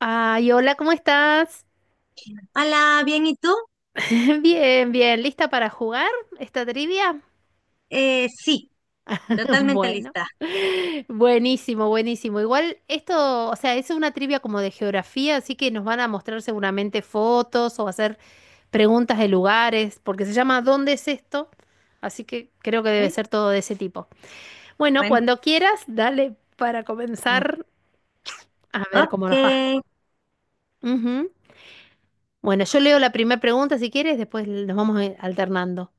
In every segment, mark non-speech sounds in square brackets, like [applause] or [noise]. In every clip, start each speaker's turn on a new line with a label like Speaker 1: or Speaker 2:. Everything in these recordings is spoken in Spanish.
Speaker 1: Ay, hola, ¿cómo estás?
Speaker 2: Hola, bien, ¿y tú?
Speaker 1: [laughs] Bien, bien, ¿lista para jugar esta trivia?
Speaker 2: Sí,
Speaker 1: [laughs]
Speaker 2: totalmente
Speaker 1: Bueno,
Speaker 2: lista.
Speaker 1: buenísimo, buenísimo. Igual esto, o sea, es una trivia como de geografía, así que nos van a mostrar seguramente fotos o hacer preguntas de lugares, porque se llama ¿Dónde es esto? Así que creo que
Speaker 2: ¿Eh?
Speaker 1: debe ser todo de ese tipo. Bueno,
Speaker 2: Bueno,
Speaker 1: cuando quieras, dale para
Speaker 2: mm,
Speaker 1: comenzar a ver cómo
Speaker 2: ok.
Speaker 1: nos va. Ujú. Bueno, yo leo la primera pregunta si quieres, después nos vamos alternando.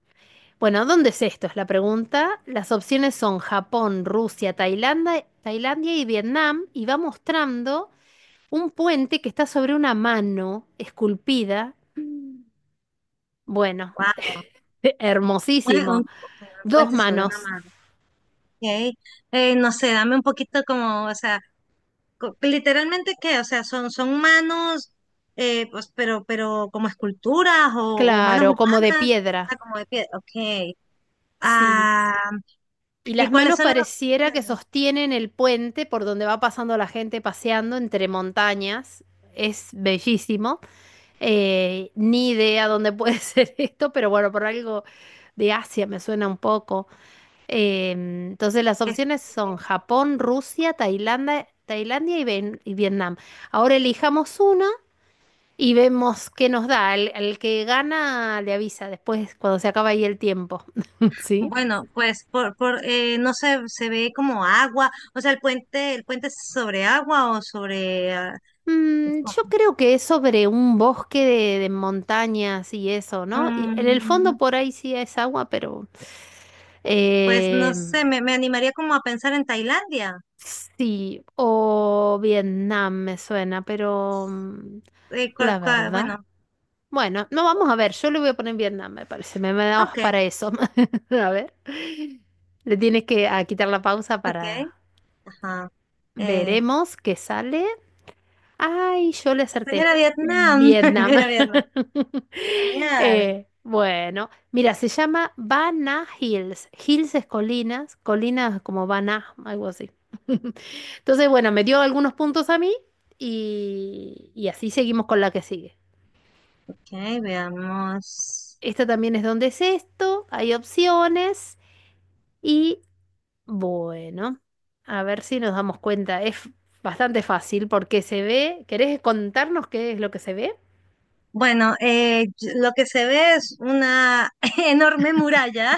Speaker 1: Bueno, ¿dónde es esto? Es la pregunta. Las opciones son Japón, Rusia, Tailandia y Vietnam, y va mostrando un puente que está sobre una mano esculpida. Bueno,
Speaker 2: Wow.
Speaker 1: [laughs]
Speaker 2: Bueno, un
Speaker 1: hermosísimo. Dos
Speaker 2: puente sobre una
Speaker 1: manos,
Speaker 2: mano. Ok. No sé, dame un poquito como, o sea, literalmente qué, o sea, son manos, pues, pero como esculturas o manos
Speaker 1: claro, como de
Speaker 2: humanas,
Speaker 1: piedra.
Speaker 2: o sea, como de piedra. Ok.
Speaker 1: Sí.
Speaker 2: Ah,
Speaker 1: Y
Speaker 2: ¿y
Speaker 1: las
Speaker 2: cuáles
Speaker 1: manos
Speaker 2: son las
Speaker 1: pareciera que
Speaker 2: opciones?
Speaker 1: sostienen el puente por donde va pasando la gente paseando entre montañas. Es bellísimo. Ni idea dónde puede [laughs] ser esto, pero bueno, por algo de Asia me suena un poco. Entonces las opciones son Japón, Rusia, Tailandia y Vietnam. Ahora elijamos una y vemos qué nos da. El que gana le avisa después cuando se acaba ahí el tiempo. [laughs] ¿Sí?
Speaker 2: Bueno, pues por no sé, se ve como agua, o sea, el puente, es sobre agua o sobre
Speaker 1: Yo creo que es sobre un bosque de montañas y eso, ¿no? Y en el fondo
Speaker 2: mm,
Speaker 1: por ahí sí es agua, pero
Speaker 2: pues no
Speaker 1: em,
Speaker 2: sé, me animaría como a pensar en Tailandia.
Speaker 1: sí, o Vietnam me suena, pero
Speaker 2: Eh, cua-
Speaker 1: la
Speaker 2: cua-
Speaker 1: verdad.
Speaker 2: bueno,
Speaker 1: Bueno, no vamos a ver, yo le voy a poner Vietnam, me parece, me da
Speaker 2: okay,
Speaker 1: para eso. [laughs] A ver, le tienes que a quitar la pausa
Speaker 2: okay,
Speaker 1: para.
Speaker 2: ajá. Eh,
Speaker 1: Veremos qué sale. Ay, yo le
Speaker 2: pues
Speaker 1: acerté.
Speaker 2: era Vietnam, [laughs]
Speaker 1: Vietnam.
Speaker 2: era Vietnam.
Speaker 1: [laughs]
Speaker 2: Genial.
Speaker 1: Bueno, mira, se llama Bana Hills. Hills es colinas, colinas como Bana, algo así. [laughs] Entonces, bueno, me dio algunos puntos a mí y así seguimos con la que sigue.
Speaker 2: Okay, veamos.
Speaker 1: Esta también es donde es esto, hay opciones y bueno, a ver si nos damos cuenta. Es bastante fácil porque se ve. ¿Querés contarnos qué es lo que se ve?
Speaker 2: Bueno, lo que se ve es una [laughs] enorme muralla.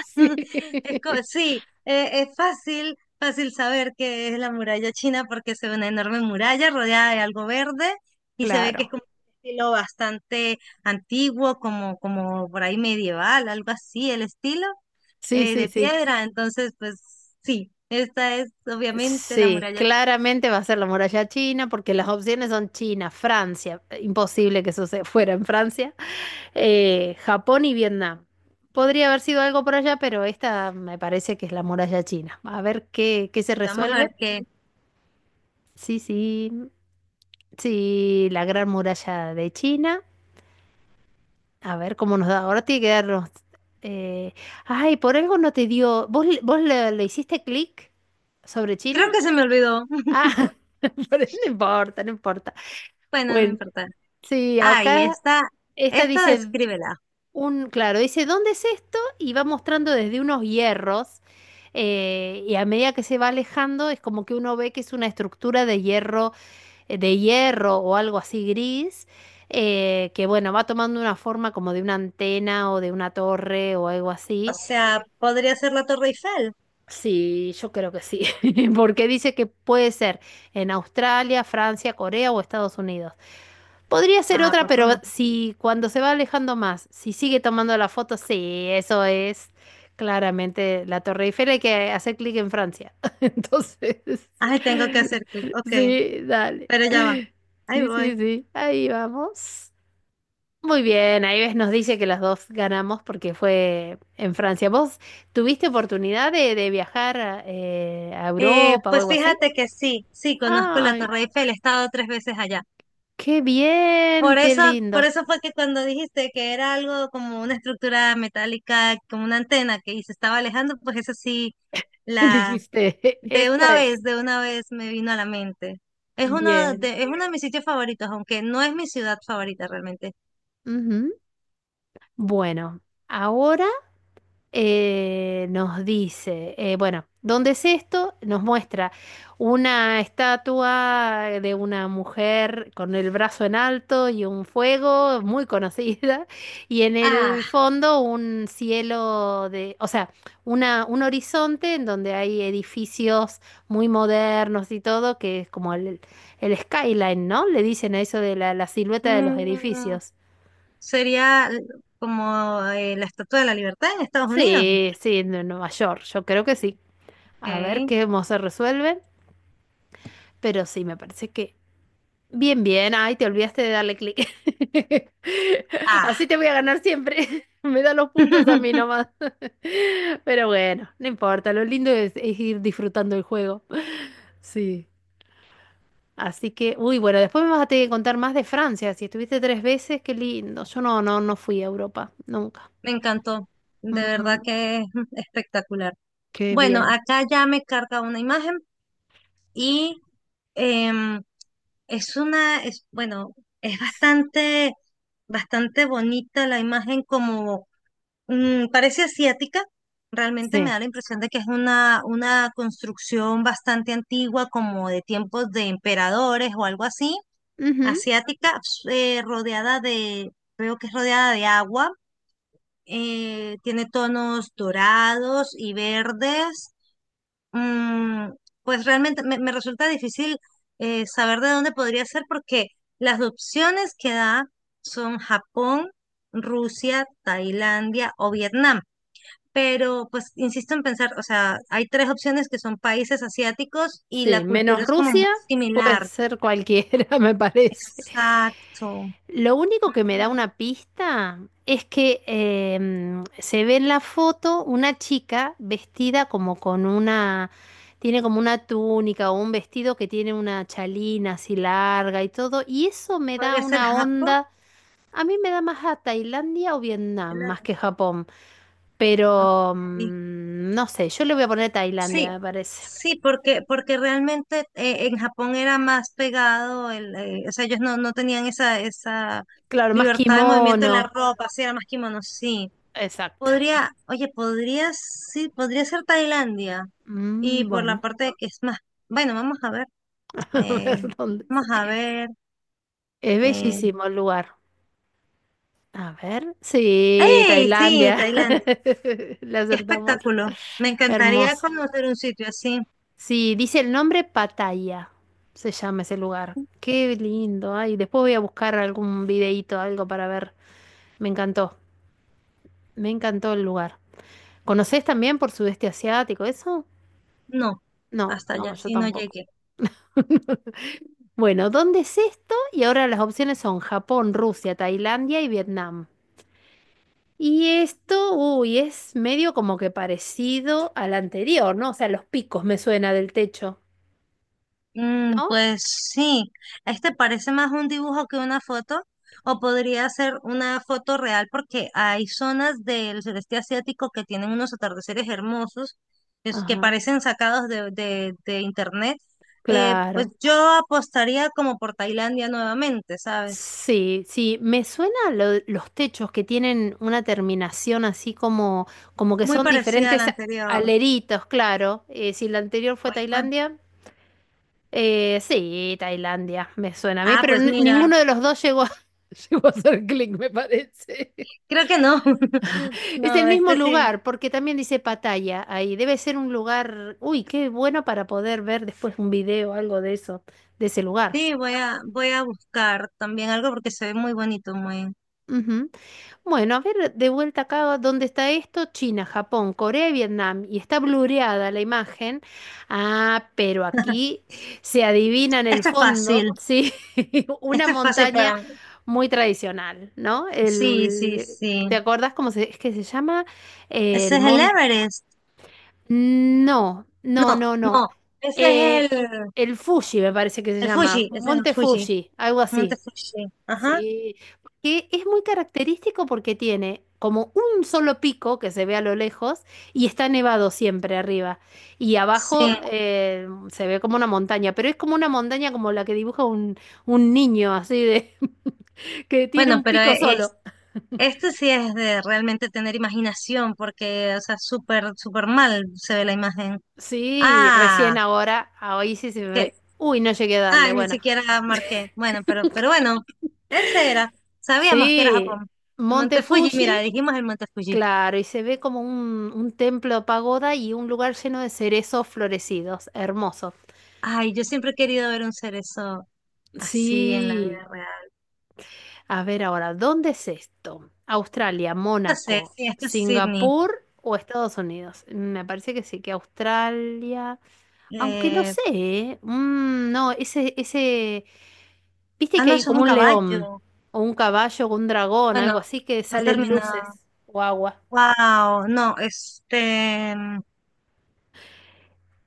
Speaker 1: [laughs] Sí.
Speaker 2: [laughs] Sí, es fácil, fácil saber que es la muralla china porque se ve una enorme muralla rodeada de algo verde y se ve que es
Speaker 1: Claro.
Speaker 2: como un estilo bastante antiguo, como por ahí medieval, algo así, el estilo
Speaker 1: Sí, sí,
Speaker 2: de
Speaker 1: sí.
Speaker 2: piedra. Entonces, pues sí, esta es obviamente la
Speaker 1: Sí,
Speaker 2: muralla china.
Speaker 1: claramente va a ser la muralla china porque las opciones son China, Francia. Imposible que eso se fuera en Francia. Japón y Vietnam. Podría haber sido algo por allá, pero esta me parece que es la muralla china. A ver qué se
Speaker 2: Y vamos a ver
Speaker 1: resuelve.
Speaker 2: qué.
Speaker 1: Sí, sí, sí, la gran muralla de China. A ver cómo nos da. Ahora tiene que darnos. eh, Ay, por algo no te dio. ¿Vos le hiciste clic sobre China?
Speaker 2: Creo que se me olvidó. [laughs]
Speaker 1: Ah, [laughs] pero no importa, no importa.
Speaker 2: Bueno, no
Speaker 1: Bueno,
Speaker 2: importa.
Speaker 1: sí,
Speaker 2: Ah, y
Speaker 1: acá
Speaker 2: esta,
Speaker 1: esta
Speaker 2: esta
Speaker 1: dice.
Speaker 2: descríbela.
Speaker 1: Claro, dice, ¿dónde es esto? Y va mostrando desde unos hierros. Y a medida que se va alejando, es como que uno ve que es una estructura de hierro o algo así gris, que bueno, va tomando una forma como de una antena o de una torre o algo
Speaker 2: O
Speaker 1: así.
Speaker 2: sea, podría ser la Torre Eiffel.
Speaker 1: Sí, yo creo que sí, [laughs] porque dice que puede ser en Australia, Francia, Corea o Estados Unidos. Podría ser
Speaker 2: Ah,
Speaker 1: otra,
Speaker 2: por
Speaker 1: pero
Speaker 2: favor.
Speaker 1: si cuando se va alejando más, si sigue tomando la foto, sí, eso es claramente la Torre Eiffel. Hay que hacer clic en Francia. [laughs] Entonces,
Speaker 2: Ay, tengo que
Speaker 1: [laughs]
Speaker 2: hacer clic. Ok,
Speaker 1: sí, dale.
Speaker 2: pero ya va. Ahí
Speaker 1: Sí, sí,
Speaker 2: voy.
Speaker 1: sí. Ahí vamos. Muy bien, ahí ves, nos dice que las dos ganamos porque fue en Francia. ¿Vos tuviste oportunidad de viajar a
Speaker 2: Eh,
Speaker 1: Europa o
Speaker 2: pues
Speaker 1: algo así?
Speaker 2: fíjate que sí, sí, conozco la
Speaker 1: ¡Ay,
Speaker 2: Torre Eiffel, he estado tres veces allá.
Speaker 1: qué bien!
Speaker 2: Por
Speaker 1: ¡Qué
Speaker 2: eso, por
Speaker 1: lindo!
Speaker 2: eso fue que cuando dijiste que era algo como una estructura metálica, como una antena que y se estaba alejando, pues eso sí,
Speaker 1: [laughs]
Speaker 2: la
Speaker 1: Dijiste,
Speaker 2: de
Speaker 1: esto
Speaker 2: una
Speaker 1: es
Speaker 2: vez, de una vez me vino a la mente. Es uno
Speaker 1: bien.
Speaker 2: de, es uno de mis sitios favoritos, aunque no es mi ciudad favorita realmente.
Speaker 1: Ujú. Bueno, ahora, nos dice, bueno, ¿dónde es esto? Nos muestra una estatua de una mujer con el brazo en alto y un fuego muy conocida, [laughs] y en
Speaker 2: Ah.
Speaker 1: el fondo un cielo de, o sea, una, un horizonte en donde hay edificios muy modernos y todo, que es como el skyline, ¿no? Le dicen a eso de la silueta de los
Speaker 2: Mm,
Speaker 1: edificios.
Speaker 2: sería como la Estatua de la Libertad en Estados Unidos.
Speaker 1: Sí, sí, en Nueva York, yo creo que sí.
Speaker 2: Ok.
Speaker 1: A ver cómo se resuelven. Pero sí, me parece que. Bien, bien. Ay, te olvidaste de darle clic. [laughs] Así
Speaker 2: Ah,
Speaker 1: te voy a ganar siempre. [laughs] Me da los puntos a mí nomás.
Speaker 2: [laughs]
Speaker 1: [laughs] Pero bueno, no importa. Lo lindo es ir disfrutando el juego. [laughs] Sí. Así que, bueno, después me vas a tener que contar más de Francia. Si estuviste tres veces, qué lindo. Yo no, no, no fui a Europa, nunca.
Speaker 2: me encantó. De verdad
Speaker 1: Mm,
Speaker 2: que es espectacular.
Speaker 1: qué
Speaker 2: Bueno,
Speaker 1: bien.
Speaker 2: acá ya me carga una imagen y em, bueno, es bastante, bastante bonita la imagen como parece asiática. Realmente me
Speaker 1: Sí.
Speaker 2: da la impresión de que es una construcción bastante antigua, como de tiempos de emperadores o algo así
Speaker 1: Ujú.
Speaker 2: asiática, rodeada de, creo que es rodeada de agua, tiene tonos dorados y verdes. Mm, pues realmente me resulta difícil saber de dónde podría ser porque las opciones que da son Japón, Rusia, Tailandia o Vietnam. Pero pues insisto en pensar, o sea, hay tres opciones que son países asiáticos y
Speaker 1: Sí,
Speaker 2: la cultura
Speaker 1: menos
Speaker 2: es como muy
Speaker 1: Rusia, puede
Speaker 2: similar.
Speaker 1: ser cualquiera, [laughs] me parece.
Speaker 2: Exacto.
Speaker 1: Lo único que me da una pista es que se ve en la foto una chica vestida como con una, tiene como una túnica o un vestido que tiene una chalina así larga y todo, y eso me da
Speaker 2: Podría ser
Speaker 1: una
Speaker 2: Japón.
Speaker 1: onda, a mí me da más a Tailandia o Vietnam, más que Japón,
Speaker 2: ¿No? Ok.
Speaker 1: pero no sé, yo le voy a poner
Speaker 2: Sí,
Speaker 1: Tailandia, me parece.
Speaker 2: sí, porque realmente en Japón era más pegado, o sea, ellos no tenían esa
Speaker 1: Claro, más
Speaker 2: libertad de movimiento en la
Speaker 1: kimono,
Speaker 2: ropa, sí, era más kimono, sí.
Speaker 1: exacto.
Speaker 2: Podría, oye, podría, sí, podría ser Tailandia. Y por la
Speaker 1: Bueno,
Speaker 2: parte de que es más, bueno, vamos a ver,
Speaker 1: [laughs] a
Speaker 2: eh,
Speaker 1: ver dónde
Speaker 2: vamos
Speaker 1: es.
Speaker 2: a ver.
Speaker 1: Es
Speaker 2: Eh,
Speaker 1: bellísimo el lugar. A ver. Sí,
Speaker 2: ¡Ey! Sí,
Speaker 1: Tailandia. [laughs]
Speaker 2: Tailandia.
Speaker 1: Le
Speaker 2: Qué
Speaker 1: acertamos.
Speaker 2: espectáculo. Me encantaría
Speaker 1: Hermoso.
Speaker 2: conocer un sitio así.
Speaker 1: Sí, dice el nombre Pattaya. Se llama ese lugar. Qué lindo. Ay, después voy a buscar algún videíto, algo para ver. Me encantó. Me encantó el lugar. ¿Conocés también por sudeste asiático eso?
Speaker 2: No,
Speaker 1: No,
Speaker 2: hasta allá
Speaker 1: no, yo
Speaker 2: sí no
Speaker 1: tampoco.
Speaker 2: llegué.
Speaker 1: [laughs] Bueno, ¿dónde es esto? Y ahora las opciones son Japón, Rusia, Tailandia y Vietnam. Y esto, uy, es medio como que parecido al anterior, ¿no? O sea, los picos me suena del techo,
Speaker 2: Mm,
Speaker 1: ¿no?
Speaker 2: pues sí, este parece más un dibujo que una foto, o podría ser una foto real porque hay zonas del sureste asiático que tienen unos atardeceres hermosos, que
Speaker 1: Ajá,
Speaker 2: parecen sacados de internet. Pues
Speaker 1: claro.
Speaker 2: yo apostaría como por Tailandia nuevamente, ¿sabes?
Speaker 1: Sí, sí, me suena los techos que tienen una terminación así como, que
Speaker 2: Muy
Speaker 1: son
Speaker 2: parecida a la
Speaker 1: diferentes
Speaker 2: anterior.
Speaker 1: aleritos, claro. Si la anterior fue
Speaker 2: Pues bueno.
Speaker 1: Tailandia, sí, Tailandia me suena a mí,
Speaker 2: Ah,
Speaker 1: pero
Speaker 2: pues mira,
Speaker 1: ninguno de los dos llegó a, [laughs] llegó a hacer clic, me parece.
Speaker 2: creo que no. [laughs]
Speaker 1: Es el
Speaker 2: No,
Speaker 1: mismo
Speaker 2: este sí.
Speaker 1: lugar, porque también dice Pattaya ahí. Debe ser un lugar, uy, qué bueno para poder ver después un video o algo de eso, de ese lugar.
Speaker 2: Sí, voy a buscar también algo porque se ve muy bonito, muy.
Speaker 1: Ujú. Bueno, a ver, de vuelta acá, ¿dónde está esto? China, Japón, Corea y Vietnam. Y está blureada la imagen. Ah, pero aquí se adivina en el
Speaker 2: Este es
Speaker 1: fondo,
Speaker 2: fácil,
Speaker 1: sí, [laughs] una
Speaker 2: este es fácil
Speaker 1: montaña
Speaker 2: para mí.
Speaker 1: muy tradicional, ¿no?
Speaker 2: Sí, sí,
Speaker 1: El,
Speaker 2: sí.
Speaker 1: ¿te acordás cómo es que se llama?
Speaker 2: Ese
Speaker 1: El
Speaker 2: es el
Speaker 1: monte.
Speaker 2: Everest.
Speaker 1: No, no,
Speaker 2: No,
Speaker 1: no, no.
Speaker 2: no, ese
Speaker 1: Eh,
Speaker 2: es el,
Speaker 1: el Fuji me parece que se
Speaker 2: el
Speaker 1: llama,
Speaker 2: Fuji, ese es el
Speaker 1: Monte
Speaker 2: Fuji,
Speaker 1: Fuji, algo
Speaker 2: Monte
Speaker 1: así.
Speaker 2: Fuji. Ajá,
Speaker 1: Sí, que es muy característico porque tiene como un solo pico que se ve a lo lejos y está nevado siempre arriba. Y
Speaker 2: sí.
Speaker 1: abajo se ve como una montaña, pero es como una montaña como la que dibuja un niño, así de [laughs] que tiene
Speaker 2: Bueno,
Speaker 1: un
Speaker 2: pero
Speaker 1: pico solo.
Speaker 2: este sí es de realmente tener imaginación, porque, o sea, súper, súper mal se ve la imagen.
Speaker 1: Sí,
Speaker 2: Ah,
Speaker 1: recién ahora, hoy sí se
Speaker 2: que,
Speaker 1: me. Uy, no llegué a darle.
Speaker 2: ni
Speaker 1: Bueno.
Speaker 2: siquiera marqué. Bueno, pero bueno, ese era. Sabíamos que era
Speaker 1: Sí,
Speaker 2: Japón. El
Speaker 1: Monte
Speaker 2: Monte Fuji, mira,
Speaker 1: Fuji,
Speaker 2: dijimos el Monte Fuji.
Speaker 1: claro, y se ve como un templo pagoda y un lugar lleno de cerezos florecidos, hermoso.
Speaker 2: Ay, yo siempre he querido ver un cerezo. Así en la
Speaker 1: Sí,
Speaker 2: vida real.
Speaker 1: a ver ahora, ¿dónde es esto? ¿Australia,
Speaker 2: Yo sé,
Speaker 1: Mónaco,
Speaker 2: sí, esto es Sydney.
Speaker 1: Singapur o Estados Unidos? Me parece que sí, que Australia, aunque no
Speaker 2: Eh,
Speaker 1: sé, ¿eh? No, viste
Speaker 2: ah,
Speaker 1: que
Speaker 2: no,
Speaker 1: hay
Speaker 2: eso es
Speaker 1: como
Speaker 2: un
Speaker 1: un león
Speaker 2: caballo.
Speaker 1: o un caballo o un dragón, algo
Speaker 2: Bueno,
Speaker 1: así que
Speaker 2: no ha
Speaker 1: salen
Speaker 2: terminado.
Speaker 1: luces o agua.
Speaker 2: Wow, no,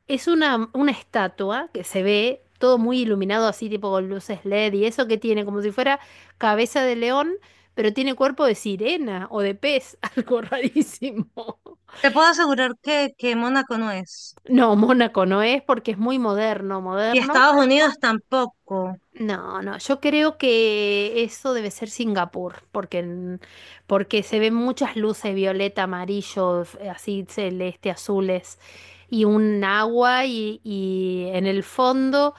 Speaker 1: Es una estatua que se ve todo muy iluminado así, tipo con luces LED y eso que tiene, como si fuera cabeza de león, pero tiene cuerpo de sirena o de pez, [laughs] algo rarísimo.
Speaker 2: te puedo asegurar que Mónaco no es.
Speaker 1: No, Mónaco no es porque es muy moderno,
Speaker 2: Y
Speaker 1: moderno.
Speaker 2: Estados Unidos tampoco.
Speaker 1: No, no, yo creo que eso debe ser Singapur, porque se ven muchas luces violeta, amarillo, así celeste, azules, y un agua, y en el fondo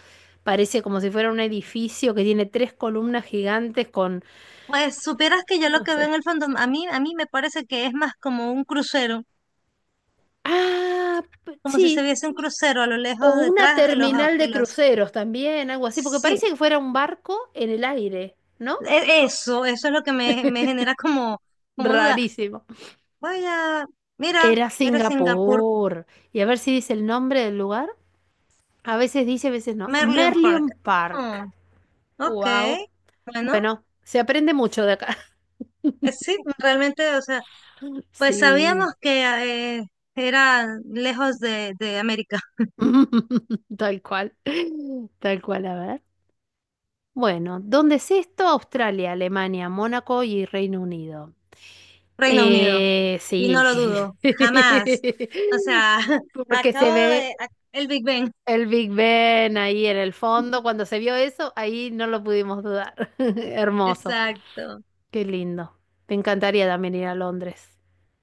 Speaker 1: parece como si fuera un edificio que tiene tres columnas gigantes con,
Speaker 2: Pues supieras que yo lo
Speaker 1: no
Speaker 2: que veo
Speaker 1: sé.
Speaker 2: en el fondo, a mí me parece que es más como un crucero,
Speaker 1: Ah,
Speaker 2: como si se
Speaker 1: sí,
Speaker 2: viese un crucero a lo
Speaker 1: o
Speaker 2: lejos
Speaker 1: una
Speaker 2: detrás de los,
Speaker 1: terminal
Speaker 2: de
Speaker 1: de
Speaker 2: los,
Speaker 1: cruceros también, algo así, porque
Speaker 2: sí,
Speaker 1: parece que fuera un barco en el aire, ¿no?
Speaker 2: eso es lo que me genera como duda.
Speaker 1: Rarísimo.
Speaker 2: Vaya, mira,
Speaker 1: Era
Speaker 2: era Singapur,
Speaker 1: Singapur. Y a ver si dice el nombre del lugar. A veces dice, a veces no.
Speaker 2: Merlion Park.
Speaker 1: Merlion
Speaker 2: Ah,
Speaker 1: Park.
Speaker 2: ok,
Speaker 1: Wow.
Speaker 2: bueno,
Speaker 1: Bueno, se aprende mucho de acá. [laughs]
Speaker 2: sí, realmente, o sea, pues sabíamos
Speaker 1: Sí.
Speaker 2: que era lejos de América.
Speaker 1: [laughs] Tal cual. Tal cual, a ver. Bueno, ¿dónde es esto? Australia, Alemania, Mónaco y Reino Unido.
Speaker 2: Reino Unido, y no
Speaker 1: Sí.
Speaker 2: lo dudo, jamás. O sea,
Speaker 1: [laughs]
Speaker 2: [laughs]
Speaker 1: Porque se ve
Speaker 2: el Big Ben,
Speaker 1: el Big Ben ahí en el fondo. Cuando se vio eso, ahí no lo pudimos dudar. [laughs] Hermoso.
Speaker 2: exacto.
Speaker 1: Qué lindo. Me encantaría también ir a Londres.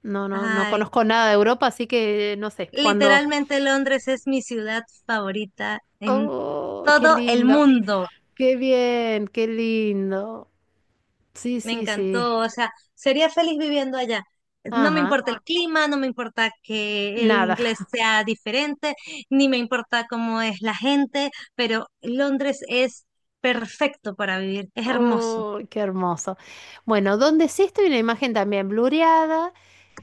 Speaker 1: No, no, no
Speaker 2: Ay,
Speaker 1: conozco nada de Europa, así que no sé. Cuando.
Speaker 2: literalmente Londres es mi ciudad favorita en
Speaker 1: Oh, qué
Speaker 2: todo el
Speaker 1: lindo.
Speaker 2: mundo.
Speaker 1: Qué bien, qué lindo. Sí,
Speaker 2: Me
Speaker 1: sí, sí.
Speaker 2: encantó, o sea, sería feliz viviendo allá. No me
Speaker 1: Ajá.
Speaker 2: importa el clima, no me importa que el
Speaker 1: Nada.
Speaker 2: inglés
Speaker 1: [laughs]
Speaker 2: sea diferente, ni me importa cómo es la gente, pero Londres es perfecto para vivir, es hermoso.
Speaker 1: Oh, qué hermoso. Bueno, donde sí estoy una imagen también blureada.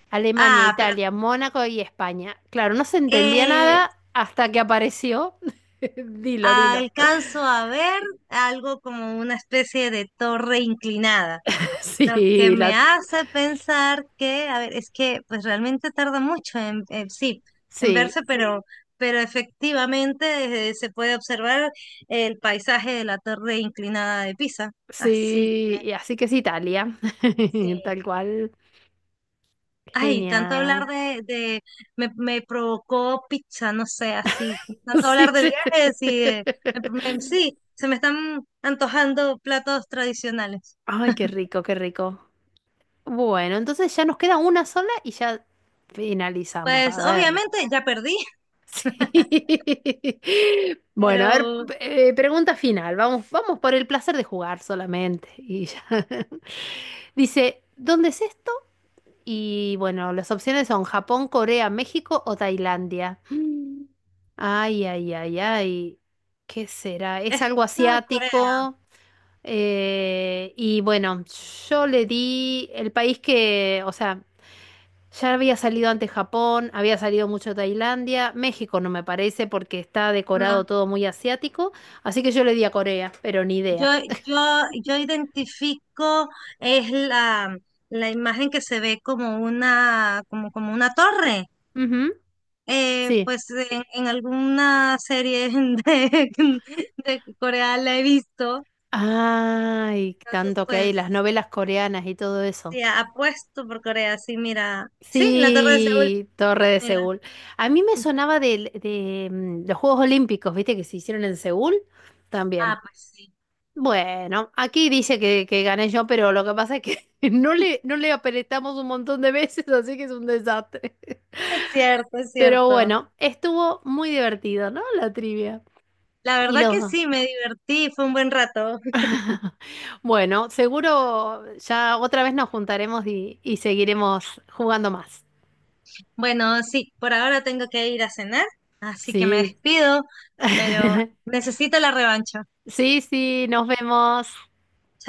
Speaker 1: Alemania,
Speaker 2: Ah, pero
Speaker 1: Italia, Mónaco y España. Claro, no se entendía
Speaker 2: eh,
Speaker 1: nada hasta que apareció. [laughs] Dilo, dilo.
Speaker 2: alcanzo a ver algo como una especie de torre inclinada.
Speaker 1: [laughs]
Speaker 2: Lo que
Speaker 1: Sí,
Speaker 2: me
Speaker 1: la.
Speaker 2: hace pensar que, a ver, es que pues realmente tarda mucho sí, en
Speaker 1: Sí.
Speaker 2: verse, pero efectivamente se puede observar el paisaje de la torre inclinada de Pisa. Así que
Speaker 1: Sí, y así que es Italia,
Speaker 2: sí.
Speaker 1: [laughs] tal cual.
Speaker 2: Ay, tanto hablar
Speaker 1: Genial.
Speaker 2: de me provocó pizza, no sé, así.
Speaker 1: [laughs]
Speaker 2: Tanto
Speaker 1: Sí,
Speaker 2: hablar de
Speaker 1: sí,
Speaker 2: viajes y
Speaker 1: sí.
Speaker 2: sí, se me están antojando platos tradicionales.
Speaker 1: Ay, qué rico, qué rico. Bueno, entonces ya nos queda una sola y ya finalizamos. A
Speaker 2: Pues
Speaker 1: ver.
Speaker 2: obviamente ya perdí, [laughs]
Speaker 1: Sí. [laughs] Bueno, a ver,
Speaker 2: pero
Speaker 1: pregunta final. Vamos, vamos por el placer de jugar solamente. Y ya. [laughs] Dice, ¿dónde es esto? Y bueno, las opciones son Japón, Corea, México o Tailandia. Ay, ay, ay, ay. ¿Qué será? Es
Speaker 2: esto
Speaker 1: algo
Speaker 2: es Corea.
Speaker 1: asiático. Y bueno, yo le di el país que, o sea, ya había salido antes Japón, había salido mucho Tailandia, México no me parece porque está decorado
Speaker 2: No,
Speaker 1: todo muy asiático, así que yo le di a Corea, pero ni
Speaker 2: yo,
Speaker 1: idea.
Speaker 2: yo identifico es la imagen que se ve como una torre.
Speaker 1: Ujú,
Speaker 2: Eh,
Speaker 1: sí.
Speaker 2: pues en alguna serie [laughs] de, de Corea la he visto.
Speaker 1: Ay,
Speaker 2: Entonces,
Speaker 1: tanto que hay las
Speaker 2: pues,
Speaker 1: novelas coreanas y todo eso.
Speaker 2: sí, apuesto por Corea, sí, mira. Sí, la Torre de Seúl,
Speaker 1: Sí, Torre de
Speaker 2: mira.
Speaker 1: Seúl. A mí me sonaba los Juegos Olímpicos, ¿viste? Que se hicieron en Seúl también.
Speaker 2: Ah, pues sí.
Speaker 1: Bueno, aquí dice que gané yo, pero lo que pasa es que [laughs] no le,
Speaker 2: [laughs]
Speaker 1: no le apretamos un montón de veces, [laughs] así que es un desastre.
Speaker 2: Es cierto, es
Speaker 1: Pero
Speaker 2: cierto.
Speaker 1: bueno, estuvo muy divertido, ¿no? La trivia.
Speaker 2: La
Speaker 1: Y
Speaker 2: verdad que
Speaker 1: los.
Speaker 2: sí, me divertí, fue un buen rato.
Speaker 1: Bueno, seguro ya otra vez nos juntaremos y seguiremos jugando más.
Speaker 2: Bueno, sí, por ahora tengo que ir a cenar, así que me
Speaker 1: Sí.
Speaker 2: despido, pero
Speaker 1: [laughs]
Speaker 2: necesito la revancha.
Speaker 1: Sí, sí, nos vemos.
Speaker 2: Chao.